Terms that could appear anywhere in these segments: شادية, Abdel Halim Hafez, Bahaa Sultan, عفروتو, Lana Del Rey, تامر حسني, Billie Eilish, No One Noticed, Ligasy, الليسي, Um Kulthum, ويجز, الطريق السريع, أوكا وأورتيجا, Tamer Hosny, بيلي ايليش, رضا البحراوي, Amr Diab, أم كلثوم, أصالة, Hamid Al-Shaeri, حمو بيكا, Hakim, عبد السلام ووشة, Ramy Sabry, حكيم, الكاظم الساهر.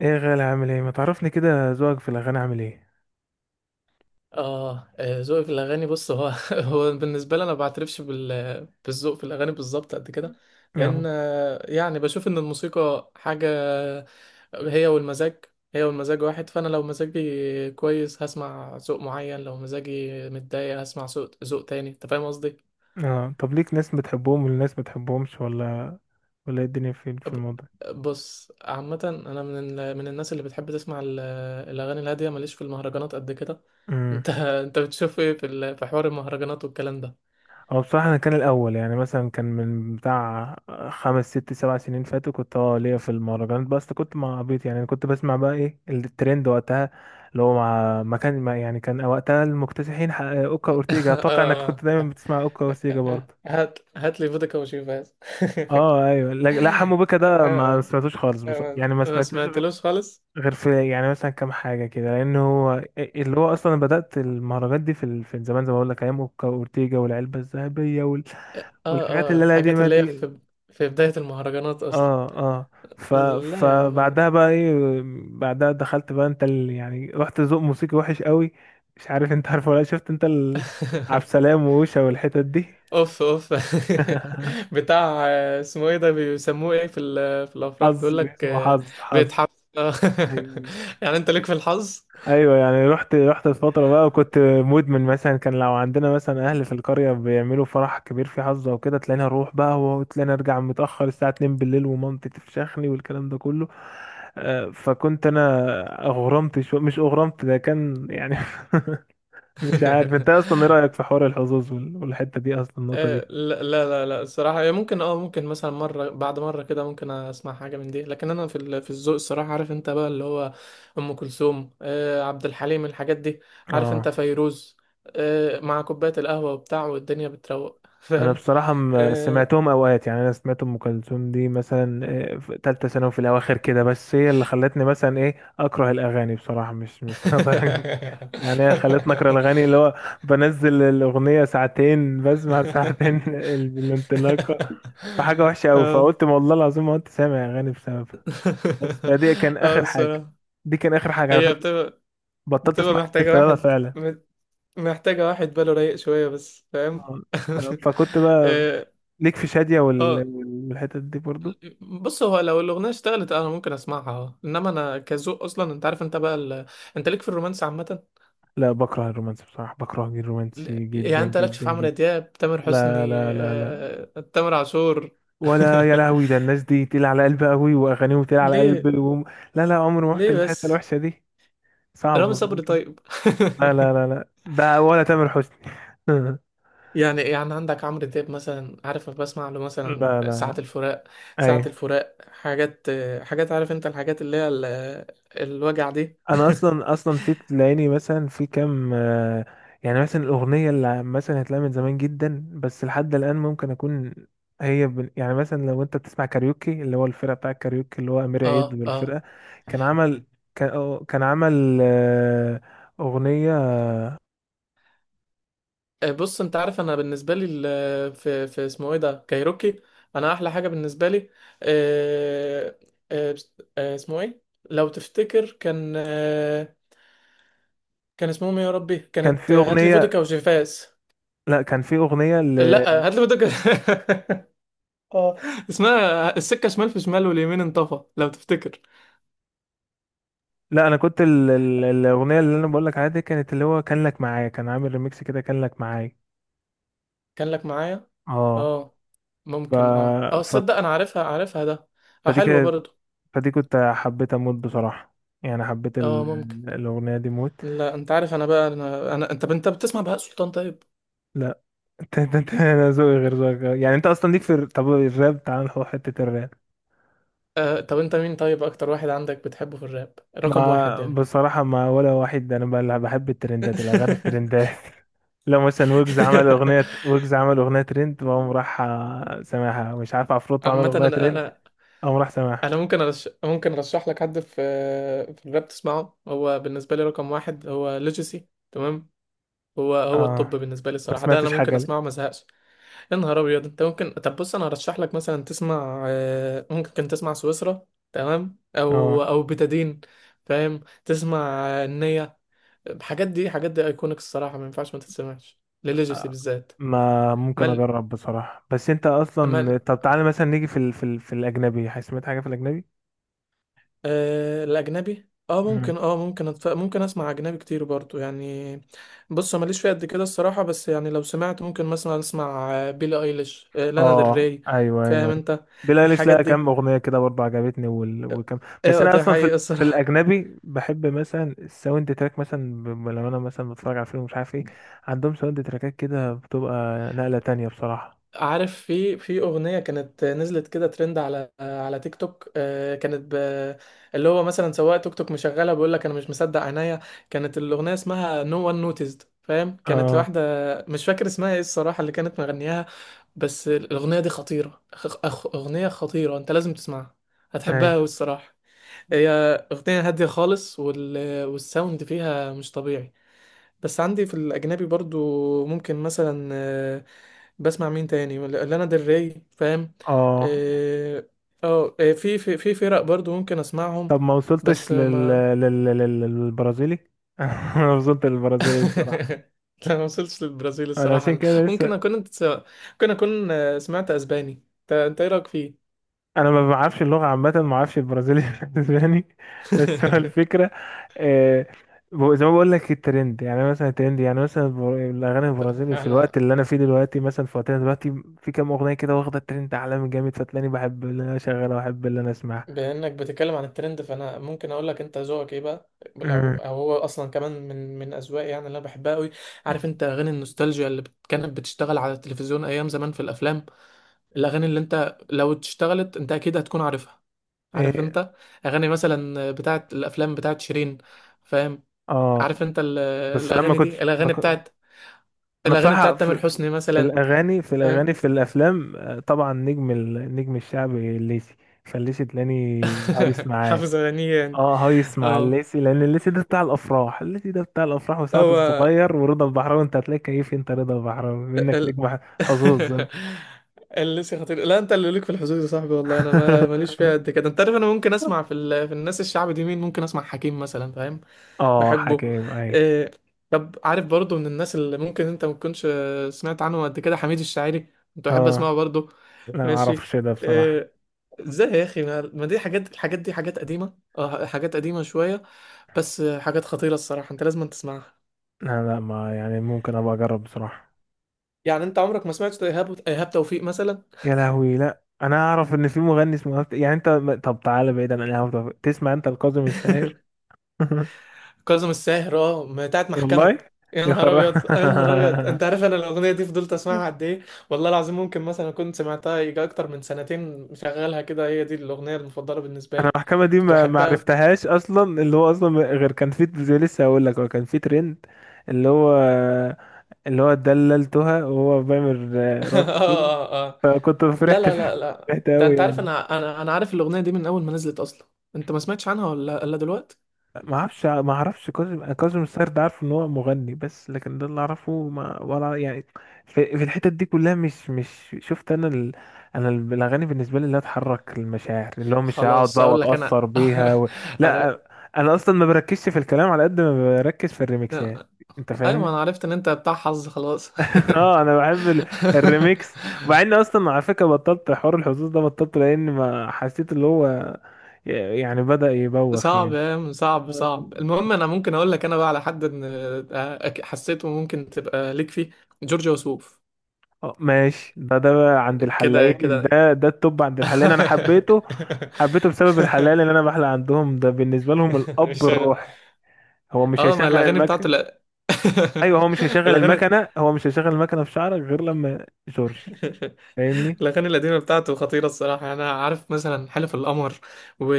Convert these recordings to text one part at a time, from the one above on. ايه يا غالي، عامل ايه؟ ما تعرفني كده، ذوقك في الاغاني عامل ايه؟ ذوقي في الاغاني. بص هو هو بالنسبه لي، انا ما بعترفش بالذوق في الاغاني بالظبط قد كده. لان اه. يعني بشوف ان الموسيقى حاجه، هي والمزاج هي والمزاج واحد. فانا لو مزاجي كويس هسمع ذوق معين، لو مزاجي متضايق هسمع ذوق تاني. انت فاهم قصدي؟ اه. طب ليك ناس بتحبهم وناس ما بتحبهمش ولا؟ ولا ايه الدنيا في ب- الموضوع؟ بص عامه انا من الناس اللي بتحب تسمع الاغاني الهاديه، ماليش في المهرجانات قد كده. امم انت بتشوف ايه في حوار المهرجانات والكلام ده؟ هو بصراحه انا كان الاول، يعني مثلا كان من بتاع خمس ست سبع سنين فاتوا، كنت ليا في المهرجانات، بس كنت مع عبيط، يعني كنت بسمع بقى ايه الترند وقتها، اللي هو مع ما كان ما يعني كان وقتها المكتسحين، اوكا اه اورتيجا. اتوقع انك كنت آه دايما بتسمع اوكا اورتيجا برضه. هات هات لي فودكا وشوف بس. اه ايوه. لا لا، حمو بيكا ده ما آه، سمعتوش خالص بصراحه، يعني ما ما سمعتوش سمعتلوش خالص. غير في يعني مثلا كام حاجة كده، لأن هو اللي هو أصلا بدأت المهرجانات دي في زمان، زي ما بقول لك، أيام أوكا وأورتيجا والعلبة الذهبية وال... اه والحاجات اه، اللي أنا دي الحاجات ما اللي هي دي. في بداية المهرجانات اصلا. اه. اه. ف... لا يا عم أنا. فبعدها بقى ايه؟ بعدها دخلت بقى يعني رحت ذوق موسيقي وحش قوي. مش عارف انت عارفه ولا لأ؟ شفت انت عبد السلام ووشة والحتت دي. اوف اوف. بتاع، اسمه ايه ده؟ بيسموه ايه في الافراح حظ. بيقول لك؟ اسمه حظ حظ. بيتحف. أيوة. أيوه. يعني انت ليك في الحظ؟ ايوه، يعني رحت الفتره بقى وكنت مدمن، مثلا كان لو عندنا مثلا اهل في القريه بيعملوا فرح كبير في حظه وكده، تلاقيني اروح بقى، وتلاقيني ارجع متاخر الساعه 2 بالليل، ومامتي تفشخني والكلام ده كله. فكنت انا اغرمت شو مش اغرمت، ده كان يعني مش عارف انت اصلا ايه رايك في حوار الحظوظ وال- والحته دي اصلا، النقطه دي؟ لا لا لا لا، الصراحة هي ممكن، ممكن مثلا مرة بعد مرة كده، ممكن اسمع حاجة من دي. لكن انا في الذوق الصراحة، عارف انت بقى اللي هو ام كلثوم، عبد الحليم، الحاجات دي. عارف اه. انت فيروز، مع كوباية القهوة وبتاع، والدنيا بتروق، انا فاهم؟ بصراحه آه. سمعتهم اوقات، يعني انا سمعت ام كلثوم دي مثلا في ثالثه ثانوي في الاواخر كده، بس هي اللي خلتني مثلا ايه، اكره الاغاني بصراحه. مش يعني هي خلتني اكره الاغاني، اللي هو بنزل الاغنيه ساعتين بسمع ساعتين بالانطلاقه. فحاجه وحشه قوي، اه. فقلت ما والله العظيم ما كنت سامع اغاني بسببها. بس فدي كان اه اخر حاجه، الصراحة. دي كان اخر حاجه على هي فكره. بتبقى بطلت بتبقى اسمع أغاني محتاجة بسببها واحد فعلا. محتاجة واحد باله رايق شوية بس، فاهم؟ آه. فكنت بقى اه. ليك في شاديه وال- آه، والحتت دي برضو. بص، هو لو الأغنية اشتغلت أنا ممكن أسمعها، اه، إنما أنا كذوق أصلا أنت عارف أنت بقى ال... آه، أنت ليك في الرومانس عامة. لا، بكره الرومانسي بصراحة، بكره الرومانسي يعني جدا أنت لكش جدا في عمرو جدا. دياب، تامر لا حسني، لا لا لا، تامر عاشور؟ ولا يا لهوي، ده الناس دي تقيلة على قلبي قوي وأغانيهم تقيلة على ليه؟ قلبي و... لا لا، عمري ما رحت ليه للحتة بس؟ الوحشة دي. صعب. رامي صبري ممكن. طيب؟ لا لا لا لا، ده ولا تامر حسني يعني عندك عمرو دياب مثلا، عارف أنا بسمع له مثلا لا لا ساعة لا. الفراق. ساعة أيوه. الفراق حاجات، حاجات، عارف انت الحاجات اللي هي الوجع دي. انا اصلا اصلا في تلاقيني مثلا في كام يعني مثلا الاغنيه اللي مثلا هتلاقيها من زمان جدا، بس لحد الان ممكن اكون، هي يعني مثلا لو انت بتسمع كاريوكي، اللي هو الفرقه بتاع الكاريوكي، اللي هو امير اه عيد اه. والفرقه، كان عمل كان كان عمل آه، اغنيه. بص انت عارف انا بالنسبة لي في اسمه ايه ده؟ كايروكي. انا احلى حاجة بالنسبة لي، آه، اسمه ايه؟ لو تفتكر، كان كان اسمهم إيه يا ربي؟ كان كانت في هاتلي اغنيه. فودكا وجيفاز. لا كان في اغنيه ل... لا هاتلي فودكا. اه، اسمها السكة شمال، في شمال واليمين انطفى، لو تفتكر. لا، انا كنت الاغنيه اللي انا بقول لك عليها دي، كانت اللي هو كان لك معايا، كان عامل ريميكس كده، كان لك معايا. كان لك معايا. اه. اه ف... ممكن، ف... تصدق انا عارفها، عارفها ده. اه فدي حلوة كانت، برضو. فدي كنت حبيت اموت بصراحة، يعني حبيت اه ممكن. الأغنية دي موت. لا انت عارف انا بقى، أنا. انت بتسمع بهاء سلطان طيب؟ لا انت انا ذوقي غير ذوقك، يعني انت اصلا ليك في طب الراب، تعال نروح حتة الراب. طب انت مين طيب اكتر واحد عندك بتحبه في الراب رقم واحد ما يعني؟ بصراحة ما ولا واحد، انا بحب الترندات، الأغاني الترندات لو مثلا ويجز عمل أغنية، ويجز عمل أغنية ترند، وأقوم راح سامعها. مش عارف عفروتو عمل عامة انا أغنية ترند، انا أقوم راح انا سامعها. ممكن ممكن ارشح لك حد في في الراب تسمعه، هو بالنسبة لي رقم واحد هو ليجاسي، تمام؟ هو الطب اه. بالنسبه لي ما الصراحه، ده انا سمعتش ممكن حاجة اسمعه ما ليه. ازهقش. يا نهار ابيض، انت ممكن؟ طب بص انا هرشح لك مثلا تسمع، ممكن تسمع سويسرا، تمام، او اه، بتادين، فاهم، تسمع، النية. الحاجات دي، حاجات دي ايكونيك الصراحه، ما ينفعش ما تتسمعش لليجاسي بالذات. ما ممكن مال اجرب بصراحة، بس انت اصلا، مال، طب تعالى مثلا نيجي في الاجنبي، سمعت حاجة في الاجنبي؟ الأجنبي، اه مم. ممكن، ممكن ممكن اسمع أجنبي كتير برضو يعني. بص أنا ماليش فيه قد كده الصراحة، بس يعني لو سمعت ممكن مثلا اسمع بيلي ايليش، لانا ديل اه ري، ايوه فاهم ايوه. انت؟ بيلي ايليش الحاجات لها كام دي. اغنيه كده برضه عجبتني اه وكم. بس انا ده اصلا في حقيقي ال... في الصراحة. الاجنبي بحب مثلا الساوند تراك، مثلا لما انا مثلا بتفرج على فيلم مش عارف ايه، عندهم ساوند تراكات كده بتبقى نقله تانية بصراحه. عارف، في اغنيه كانت نزلت كده ترند على تيك توك، كانت اللي هو مثلا سواق توك توك مشغله بيقول لك انا مش مصدق عينيا. كانت الاغنيه اسمها No One Noticed، فاهم، كانت اه. لواحده مش فاكر اسمها ايه الصراحه اللي كانت مغنياها. بس الاغنيه دي خطيره. اغنيه خطيره، انت لازم تسمعها، اي. هتحبها والصراحه. هي اغنيه هاديه خالص، والساوند فيها مش طبيعي. بس عندي في الأجنبي برضو ممكن مثلا، بسمع مين تاني؟ لانا ديل ري، فاهم. اه. اه، في في فرق برضو ممكن اسمعهم. طب ما بس وصلتش لل... ما. لل... لل... للبرازيلي ما وصلت للبرازيلي. لا ما وصلتش للبرازيل انا الصراحة. عشان أنا كده ممكن لسه، أكون، انت، ممكن أكون سمعت أسباني. انت إنت إيه رأيك فيه؟ انا ما بعرفش اللغه عامه، ما بعرفش البرازيلي الاسباني. بس هو الفكره، آه، زي ما بقول لك الترند، يعني مثلا الترند، يعني مثلا الاغاني البرازيلي في الوقت أنا، اللي انا فيه دلوقتي، مثلا في وقتنا دلوقتي، في كام اغنيه كده واخده الترند عالمي جامد، فتلاقيني بحب اللي انا اشغلها واحب اللي انا اسمعها. بانك بتتكلم عن الترند، فانا ممكن اقول لك انت ذوقك ايه بقى. لو، أمم. او هو اصلا كمان من اذواقي، يعني اللي انا بحبها قوي. عارف انت اغاني النوستالجيا اللي كانت بتشتغل على التلفزيون ايام زمان في الافلام، الاغاني اللي انت لو اشتغلت انت اكيد هتكون عارفها. عارف إيه. انت اغاني مثلا بتاعت الافلام بتاعت شيرين، فاهم؟ اه. عارف انت بس لما الاغاني كنت، دي، ما الاغاني كنت. بتاعت، انا الاغاني بصراحه بتاعت تامر في حسني في مثلا، الاغاني في فاهم؟ الاغاني في الافلام، طبعا النجم الشعبي الليسي، فالليسي تلاقيني هايص معاه. حافظ اغانيه يعني؟ اه، هايس مع اه الليسي، لان الليسي ده بتاع الافراح، الليسي ده بتاع الافراح وسعد هو. الصغير ورضا البحراوي. انت هتلاقي كيف، انت رضا البحراوي منك، نجم حظوظ انت اللي لسه خطير. لا انت اللي ليك في الحظوظ يا صاحبي والله، انا ما ماليش فيها قد كده. انت عارف انا ممكن اسمع في الناس الشعب دي، مين ممكن اسمع؟ حكيم مثلا، فاهم. اه بحبه. حكيم اي. إيه. طب عارف برضو من الناس اللي ممكن انت ما تكونش سمعت عنه قد كده، حميد الشاعري؟ كنت بحب اه، اسمعه برضو. لا ما ماشي. اعرفش ده بصراحة. إيه. ازاي يا اخي؟ ما دي حاجات، الحاجات دي حاجات قديمة، اه حاجات قديمة شوية، بس حاجات خطيرة الصراحة، انت لازم تسمعها. لا لا، ما يعني ممكن ابقى اجرب بصراحة. يعني انت عمرك ما سمعت ايهاب، ايهاب توفيق مثلا؟ يا لهوي، لا انا اعرف ان في مغني اسمه يعني انت طب تعالى بعيدا عن الهوا، طب تسمع انت الكاظم الساهر كاظم الساهر، اه ما هي بتاعت محكمة. والله. يا يا نهار خرا ابيض، يا نهار ابيض، انت عارف انا الاغنية دي فضلت اسمعها قد ايه؟ والله العظيم ممكن مثلا كنت سمعتها يجي اكتر من سنتين مشغلها كده، هي دي الاغنية المفضلة بالنسبة انا لي. المحكمه دي كنت ما بحبها أوي. عرفتهاش اصلا، اللي هو اصلا غير كان في، زي لسه هقول لك، هو كان في ترند، اللي هو، اللي هو دللتها وهو بيعمل اه راسه كده، اه اه. فكنت لا فرحت لا لا لا، فرحت ده قوي انت عارف يعني. انا، انا عارف الاغنية دي من اول ما نزلت اصلا. انت ما سمعتش عنها ولا الا دلوقتي؟ ما اعرفش، كاظم الساهر ده عارف ان هو مغني بس، لكن ده اللي اعرفه، ما ولا يعني في الحتت دي كلها مش. مش شفت انا ال... انا ال- الاغاني بالنسبه لي اللي تحرك المشاعر، اللي هو مش هقعد خلاص بقى اقول لك انا. واتاثر بيها و... عر- لا، انا اصلا ما بركزش في الكلام على قد ما بركز في الريمكسات، انت ايوه، ما فاهمني؟ انا عرفت ان انت بتاع حظ خلاص. اه، انا بحب الريمكس. ومع اني اصلا على فكره بطلت حوار الحظوظ ده، بطلت لان ما حسيت اللي هو، يعني بدأ يبوخ صعب يعني. يا عم، صعب صعب. المهم انا ممكن اقول لك انا بقى على حد ان، حسيته ممكن تبقى ليك فيه جورج وسوف. اه ماشي. ده بقى عند كده الحلاقين، كده. ده التوب عند الحلاقين. انا حبيته، حبيته بسبب الحلال اللي انا بحلق عندهم، ده بالنسبه لهم مش الاب شغ- الروحي. هو مش اه ما هيشغل الاغاني بتاعته. المكنه. لا. ايوه، هو مش هيشغل الاغاني. المكنه، هو مش هيشغل المكنه في شعرك غير لما جورج، فاهمني؟ الاغاني القديمه بتاعته خطيره الصراحه، انا عارف مثلا حلف القمر، و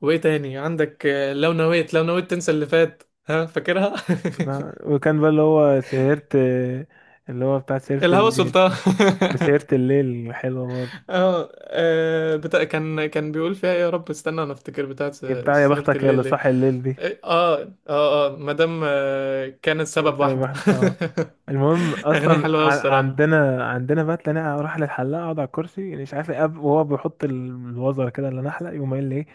وايه تاني عندك؟ لو نويت، لو نويت تنسى اللي فات، ها فاكرها؟ وكان بقى اللي هو سهرة، اللي هو بتاع سهرة الهوى الليل. سلطان. وسهرة الليل حلوة برضه. اه كان بيقول فيها ايه؟ يا رب استنى انا افتكر بتاعت هي بتاع يا سهرة بختك يا الليل، اللي ليه. صاحي الليل دي. اه اه اه، مادام كانت سبب بسبب واحدة. واحد اه. المهم اغنية اصلا، حلوة أوي الصراحة. عندنا بقى تلاقيني اروح للحلاق، اقعد على الكرسي يعني، مش عارف ايه، وهو بيحط الوزر كده اللي نحلق، يقوم قايل لي ايه،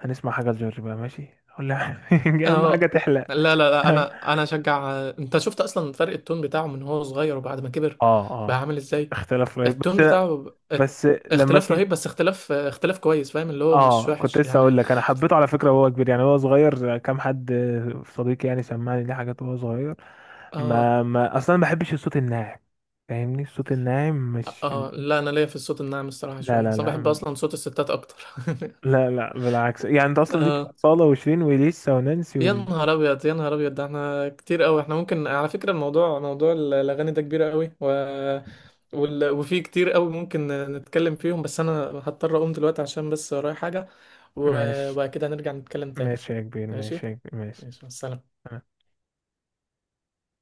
هنسمع حاجه لجورج بقى؟ ماشي، اقول له اهم اه حاجه تحلق لا لا لا، اه. انا اشجع. انت شفت اصلا فرق التون بتاعه من هو صغير وبعد ما كبر، بقى اه. عامل ازاي؟ اختلاف رهيب التون بس. بتاعه بس لما اختلاف اسم، رهيب، بس اختلاف كويس، فاهم، اللي هو مش اه كنت وحش لسه يعني. اقول لك، انا حبيته على فكره وهو كبير، يعني هو صغير كام حد صديقي يعني سمعني ليه حاجات وهو صغير، اه ما ما اصلا ما بحبش الصوت الناعم، فاهمني؟ الصوت الناعم مش، اه لا، انا ليا في الصوت الناعم الصراحة لا شوية، لا اصلا لا، بحب اصلا صوت الستات اكتر. لا لا، بالعكس، يعني انت اصلا ليك في اه. اصالة وشيرين وليسا ونانسي يا نهار ابيض، يا نهار ابيض، ده احنا كتير قوي. احنا ممكن، على فكره الموضوع، موضوع الاغاني ده كبير قوي، وفي كتير قوي ممكن نتكلم فيهم، بس انا هضطر اقوم دلوقتي عشان بس ورايا حاجه، ماشي. وبعد كده هنرجع نتكلم تاني. ماشي يا كبير، ماشي ماشي. يا كبير، ماشي. ماشي مع السلامه.